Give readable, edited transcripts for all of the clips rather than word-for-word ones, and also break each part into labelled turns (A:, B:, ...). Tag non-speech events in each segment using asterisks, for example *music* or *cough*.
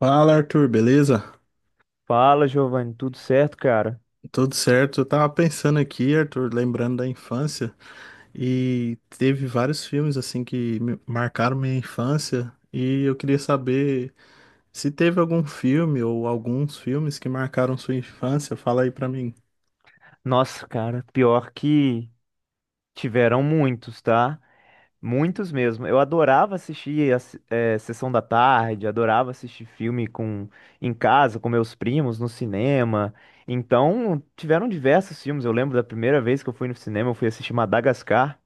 A: Fala, Arthur, beleza?
B: Fala, Giovanni, tudo certo, cara?
A: Tudo certo? Eu tava pensando aqui, Arthur, lembrando da infância, e teve vários filmes assim que marcaram minha infância, e eu queria saber se teve algum filme ou alguns filmes que marcaram sua infância, fala aí pra mim.
B: Nossa, cara, pior que tiveram muitos, tá? Muitos mesmo. Eu adorava assistir a sessão da tarde, adorava assistir filme com em casa, com meus primos, no cinema. Então, tiveram diversos filmes. Eu lembro da primeira vez que eu fui no cinema, eu fui assistir Madagascar.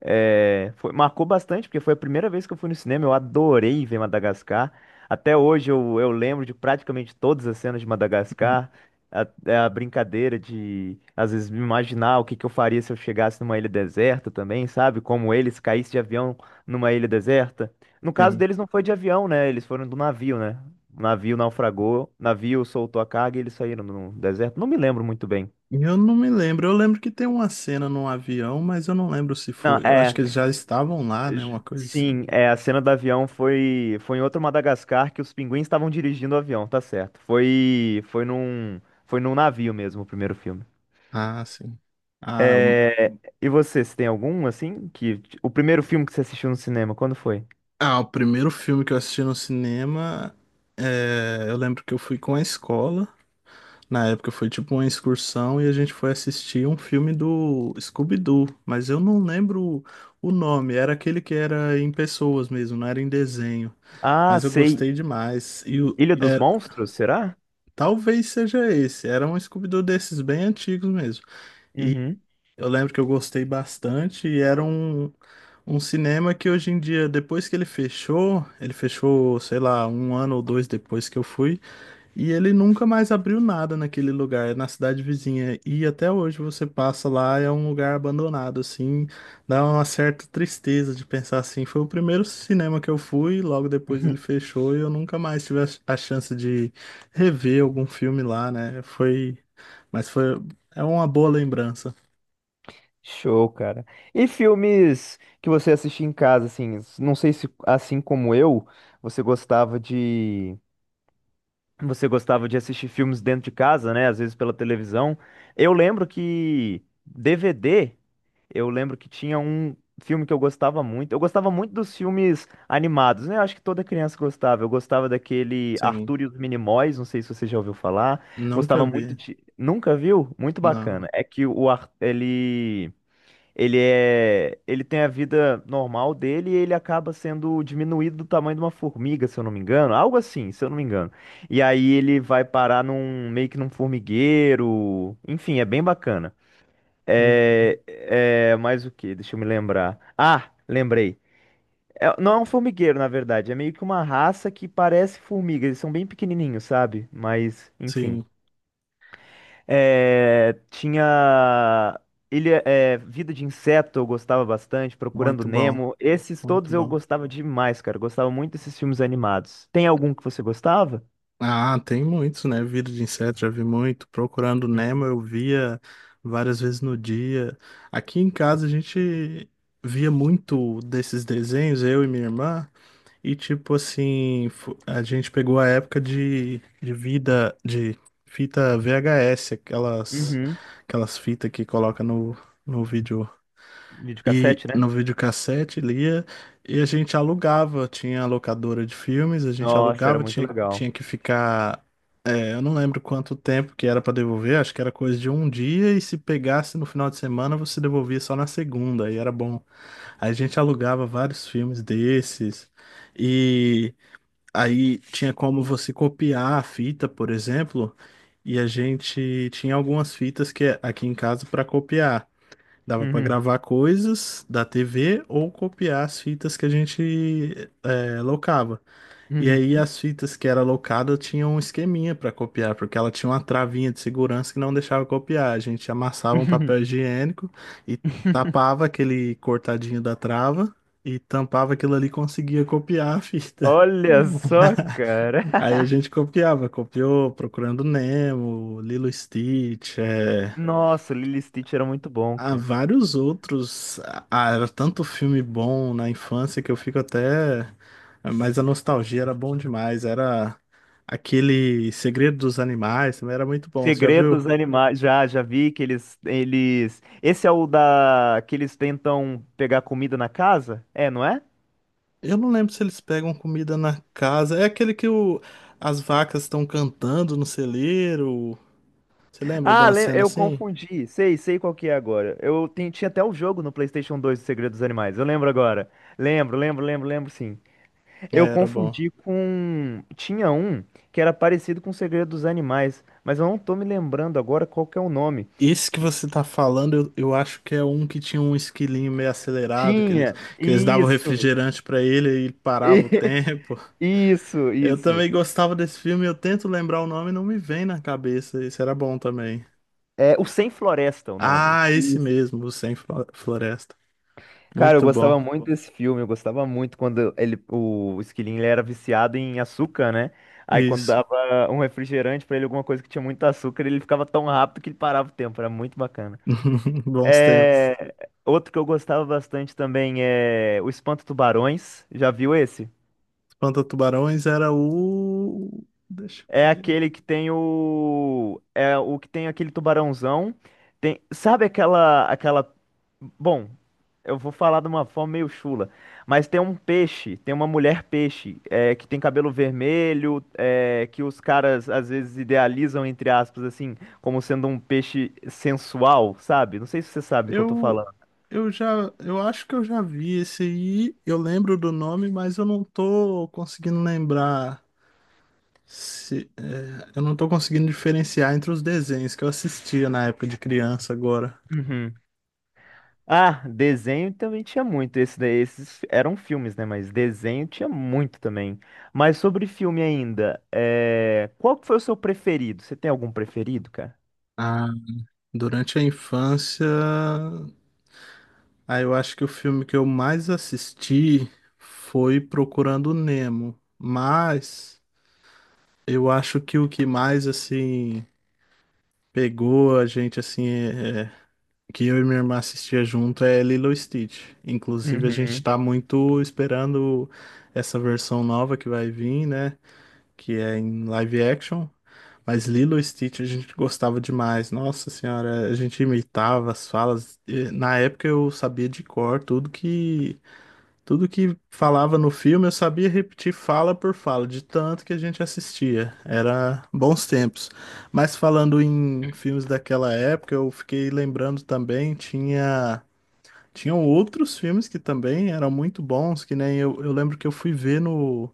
B: É, marcou bastante, porque foi a primeira vez que eu fui no cinema. Eu adorei ver Madagascar. Até hoje eu lembro de praticamente todas as cenas de
A: Uhum.
B: Madagascar. A, é a brincadeira de, às vezes, me imaginar o que eu faria se eu chegasse numa ilha deserta também, sabe? Como eles caíssem de avião numa ilha deserta. No caso
A: Sim.
B: deles, não foi de avião, né? Eles foram do navio, né? O navio naufragou, o navio soltou a carga e eles saíram no deserto. Não me lembro muito bem.
A: Eu não me lembro, eu lembro que tem uma cena num avião, mas eu não lembro se
B: Não,
A: foi. Eu acho
B: é.
A: que eles já estavam lá, né? Uma coisa assim.
B: Sim, é, a cena do avião foi em outro Madagascar que os pinguins estavam dirigindo o avião, tá certo. Foi num navio mesmo, o primeiro filme.
A: Ah, sim. Ah,
B: É, e você, se tem algum, assim, que... O primeiro filme que você assistiu no cinema, quando foi?
A: Ah, o primeiro filme que eu assisti no cinema, eu lembro que eu fui com a escola. Na época foi tipo uma excursão e a gente foi assistir um filme do Scooby-Doo, mas eu não lembro o nome. Era aquele que era em pessoas mesmo, não era em desenho.
B: Ah,
A: Mas eu
B: sei.
A: gostei demais.
B: Ilha dos Monstros, será?
A: Talvez seja esse. Era um Scooby-Doo desses bem antigos mesmo. E
B: Uhum.
A: eu lembro que eu gostei bastante e era um cinema que hoje em dia, depois que ele fechou, sei lá, um ano ou dois depois que eu fui, e ele nunca mais abriu nada naquele lugar, é na cidade vizinha. E até hoje você passa lá, é um lugar abandonado, assim, dá uma certa tristeza de pensar assim. Foi o primeiro cinema que eu fui, logo depois ele
B: *laughs*
A: fechou, e eu nunca mais tive a chance de rever algum filme lá, né? Mas foi, é uma boa lembrança,
B: Show, cara. E filmes que você assistia em casa, assim, não sei se, assim como eu, você gostava de... Você gostava de assistir filmes dentro de casa, né? Às vezes pela televisão. Eu lembro que DVD, eu lembro que tinha um filme que eu gostava muito. Eu gostava muito dos filmes animados, né? Eu acho que toda criança gostava. Eu gostava daquele
A: sim.
B: Arthur e os Minimóis, não sei se você já ouviu falar.
A: Nunca
B: Gostava muito
A: vi,
B: de. Nunca viu? Muito
A: não.
B: bacana. É que o Ar... ele é, ele tem a vida normal dele e ele acaba sendo diminuído do tamanho de uma formiga, se eu não me engano, algo assim, se eu não me engano. E aí ele vai parar num meio que num formigueiro, enfim, é bem bacana. É, é mais o que? Deixa eu me lembrar. Ah, lembrei. Não é um formigueiro, na verdade, é meio que uma raça que parece formiga. Eles são bem pequenininhos, sabe? Mas, enfim.
A: Sim.
B: É, tinha Ilha, é, Vida de Inseto, eu gostava bastante, Procurando
A: Muito bom,
B: Nemo. Esses
A: muito
B: todos eu
A: bom.
B: gostava demais, cara. Gostava muito desses filmes animados. Tem algum que você gostava?
A: Ah, tem muitos, né? Vida de inseto, já vi muito. Procurando Nemo,
B: Uhum.
A: eu via várias vezes no dia. Aqui em casa a gente via muito desses desenhos, eu e minha irmã, e tipo assim, a gente pegou a época de vida de fita VHS, aquelas,
B: Uhum.
A: aquelas fitas que coloca no vídeo e
B: Videocassete, né?
A: no videocassete lia, e a gente alugava, tinha a locadora de filmes, a gente
B: Nossa, era
A: alugava,
B: muito legal.
A: tinha que ficar, é, eu não lembro quanto tempo que era para devolver, acho que era coisa de um dia e se pegasse no final de semana você devolvia só na segunda, aí era bom. Aí a gente alugava vários filmes desses, e aí tinha como você copiar a fita, por exemplo, e a gente tinha algumas fitas que é aqui em casa para copiar. Dava para
B: Uhum.
A: gravar coisas da TV ou copiar as fitas que a gente, é, locava. E aí
B: Uhum.
A: as fitas que era locada tinham um esqueminha para copiar, porque ela tinha uma travinha de segurança que não deixava copiar. A gente amassava um
B: Uhum.
A: papel higiênico e
B: *laughs*
A: tapava aquele cortadinho da trava e tampava aquilo ali e conseguia copiar a fita.
B: Olha só, cara.
A: *laughs* Aí a
B: *laughs*
A: gente copiava, copiou Procurando Nemo, Lilo e Stitch, é,
B: Nossa, Lilo e Stitch era muito bom,
A: há
B: cara.
A: vários outros. Ah, era tanto filme bom na infância que eu fico até. Mas a nostalgia era bom demais. Era aquele Segredo dos Animais, também era muito bom. Você já viu?
B: Segredos animais. Já vi que eles, eles. Esse é o da. Que eles tentam pegar comida na casa? É, não é?
A: Eu não lembro se eles pegam comida na casa. É aquele que o... as vacas estão cantando no celeiro. Você lembra de
B: Ah,
A: uma
B: lem-
A: cena
B: eu
A: assim?
B: confundi. Sei, sei qual que é agora. Eu tinha até o jogo no PlayStation 2 de Segredos dos Animais. Eu lembro agora. Lembro, lembro, lembro, lembro, sim.
A: É,
B: Eu
A: era bom.
B: confundi com. Tinha um que era parecido com Segredos dos Animais, mas eu não tô me lembrando agora qual que é o nome.
A: Esse que
B: Que
A: você tá falando, eu acho que é um que tinha um esquilinho meio acelerado,
B: tinha.
A: que eles davam
B: Isso.
A: refrigerante pra ele e ele parava o *laughs*
B: *laughs*
A: tempo.
B: Isso,
A: Eu
B: isso.
A: também gostava desse filme, eu tento lembrar o nome e não me vem na cabeça. Esse era bom também.
B: É O Sem Floresta, é o nome.
A: Ah, esse
B: Isso.
A: mesmo, o Sem Flo- Floresta.
B: Cara, eu
A: Muito
B: gostava
A: bom.
B: muito desse filme, eu gostava muito quando ele, o esquilinho ele era viciado em açúcar, né? Aí quando
A: Isso.
B: dava um refrigerante pra ele, alguma coisa que tinha muito açúcar, ele ficava tão rápido que ele parava o tempo, era muito bacana.
A: *laughs* Bons tempos.
B: É, outro que eu gostava bastante também é O Espanto Tubarões, já viu esse?
A: Espanta-Tubarões era o. Deixa eu
B: É
A: ver.
B: aquele que tem o. É o que tem aquele tubarãozão. Tem... Sabe aquela, aquela. Bom, eu vou falar de uma forma meio chula. Mas tem um peixe, tem uma mulher peixe, é, que tem cabelo vermelho, é, que os caras às vezes idealizam, entre aspas, assim, como sendo um peixe sensual, sabe? Não sei se você sabe do que eu tô
A: Eu,
B: falando.
A: eu já. Eu acho que eu já vi esse aí. Eu lembro do nome, mas eu não tô conseguindo lembrar. Se, é, eu não tô conseguindo diferenciar entre os desenhos que eu assistia na época de criança agora.
B: Uhum. Ah, desenho também tinha muito. Esse daí, esses eram filmes, né? Mas desenho tinha muito também. Mas sobre filme ainda, é... qual que foi o seu preferido? Você tem algum preferido, cara?
A: Ah, durante a infância, aí eu acho que o filme que eu mais assisti foi Procurando Nemo, mas eu acho que o que mais assim pegou a gente assim é que eu e minha irmã assistia junto é Lilo e Stitch. Inclusive a gente
B: Uhum.
A: tá muito esperando essa versão nova que vai vir, né, que é em live action. Mas Lilo e Stitch a gente gostava demais. Nossa senhora, a gente imitava as falas. E, na época eu sabia de cor tudo que falava no filme, eu sabia repetir fala por fala, de tanto que a gente assistia. Era bons tempos. Mas falando em filmes daquela época, eu fiquei lembrando também, tinham outros filmes que também eram muito bons, que nem eu lembro que eu fui ver no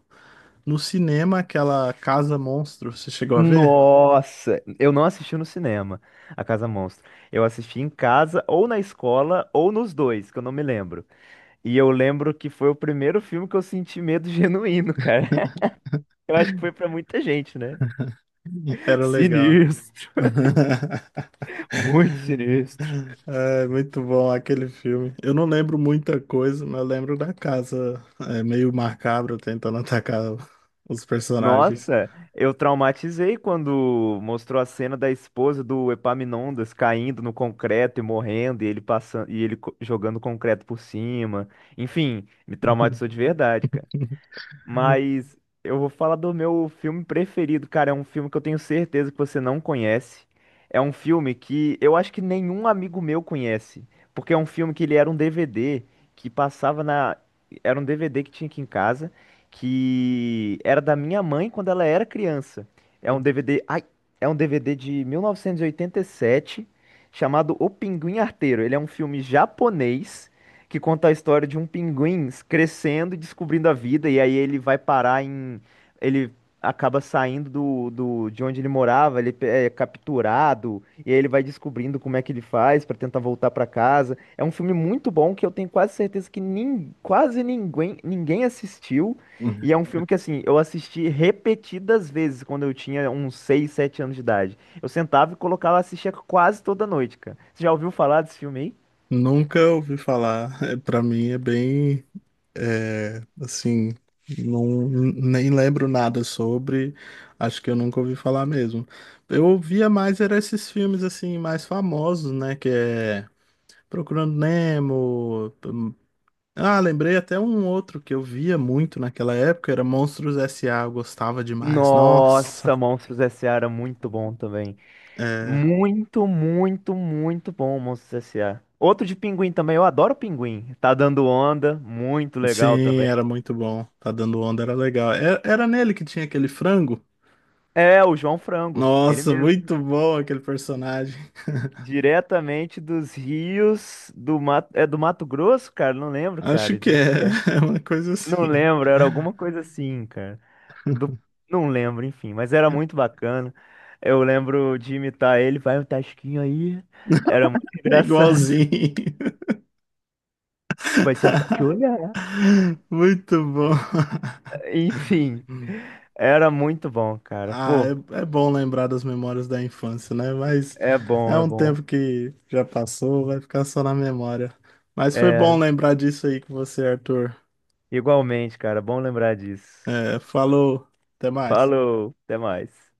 A: no cinema aquela Casa Monstro. Você chegou a ver?
B: Nossa, eu não assisti no cinema, A Casa Monstro. Eu assisti em casa, ou na escola, ou nos dois, que eu não me lembro. E eu lembro que foi o primeiro filme que eu senti medo genuíno, cara. *laughs* Eu acho que foi pra muita gente, né?
A: Era legal.
B: Sinistro,
A: *laughs*
B: *laughs* muito sinistro.
A: É muito bom aquele filme. Eu não lembro muita coisa, mas eu lembro da casa, é, meio macabra tentando *laughs* atacar os personagens.
B: Nossa, eu traumatizei quando mostrou a cena da esposa do Epaminondas caindo no concreto e morrendo, e ele passando e ele jogando concreto por cima. Enfim, me traumatizou de verdade,
A: *laughs*
B: mas eu vou falar do meu filme preferido, cara. É um filme que eu tenho certeza que você não conhece. É um filme que eu acho que nenhum amigo meu conhece. Porque é um filme que ele era um DVD que passava na. Era um DVD que tinha aqui em casa, que era da minha mãe quando ela era criança. É um DVD. Ai, é um DVD de 1987, chamado O Pinguim Arteiro. Ele é um filme japonês que conta a história de um pinguim crescendo e descobrindo a vida, e aí ele vai parar em. Ele acaba saindo do, do, de onde ele morava, ele é capturado, e aí ele vai descobrindo como é que ele faz pra tentar voltar pra casa. É um filme muito bom que eu tenho quase certeza que quase ninguém, ninguém assistiu. E é um filme que, assim, eu assisti repetidas vezes quando eu tinha uns 6, 7 anos de idade. Eu sentava e colocava, assistia quase toda noite, cara. Você já ouviu falar desse filme aí?
A: Nunca ouvi falar. Para mim é bem, assim, não, nem lembro nada sobre. Acho que eu nunca ouvi falar mesmo. Eu ouvia mais era esses filmes assim mais famosos, né? Que é Procurando Nemo, ah, lembrei até um outro que eu via muito naquela época, era Monstros S.A., eu gostava demais. Nossa,
B: Nossa, Monstros S.A. era muito bom também.
A: é,
B: Muito, muito, muito bom, Monstros S.A. Outro de Pinguim também, eu adoro Pinguim. Tá dando onda, muito legal
A: sim,
B: também.
A: era muito bom. Tá dando onda, era legal. Era nele que tinha aquele frango?
B: É, o João Frango, ele
A: Nossa,
B: mesmo.
A: muito bom aquele personagem.
B: Diretamente dos rios do Mato, é do Mato Grosso, cara? Não lembro,
A: Acho
B: cara,
A: que
B: de onde-
A: é, *laughs* é uma coisa
B: Não
A: assim.
B: lembro, era alguma coisa assim, cara. Do... Não lembro, enfim, mas era muito bacana. Eu lembro de imitar ele, vai o Tasquinho aí. Era muito *laughs*
A: É
B: engraçado.
A: igualzinho.
B: Vai se
A: *laughs*
B: apaixonar.
A: Muito bom.
B: Enfim, era muito bom, cara.
A: Ah,
B: Pô,
A: é, é bom lembrar das memórias da infância, né? Mas
B: é
A: é
B: bom, é
A: um
B: bom.
A: tempo que já passou, vai ficar só na memória. Mas foi bom
B: É,
A: lembrar disso aí com você, Arthur.
B: igualmente, cara, bom lembrar disso.
A: É, falou, até mais.
B: Falou, até mais.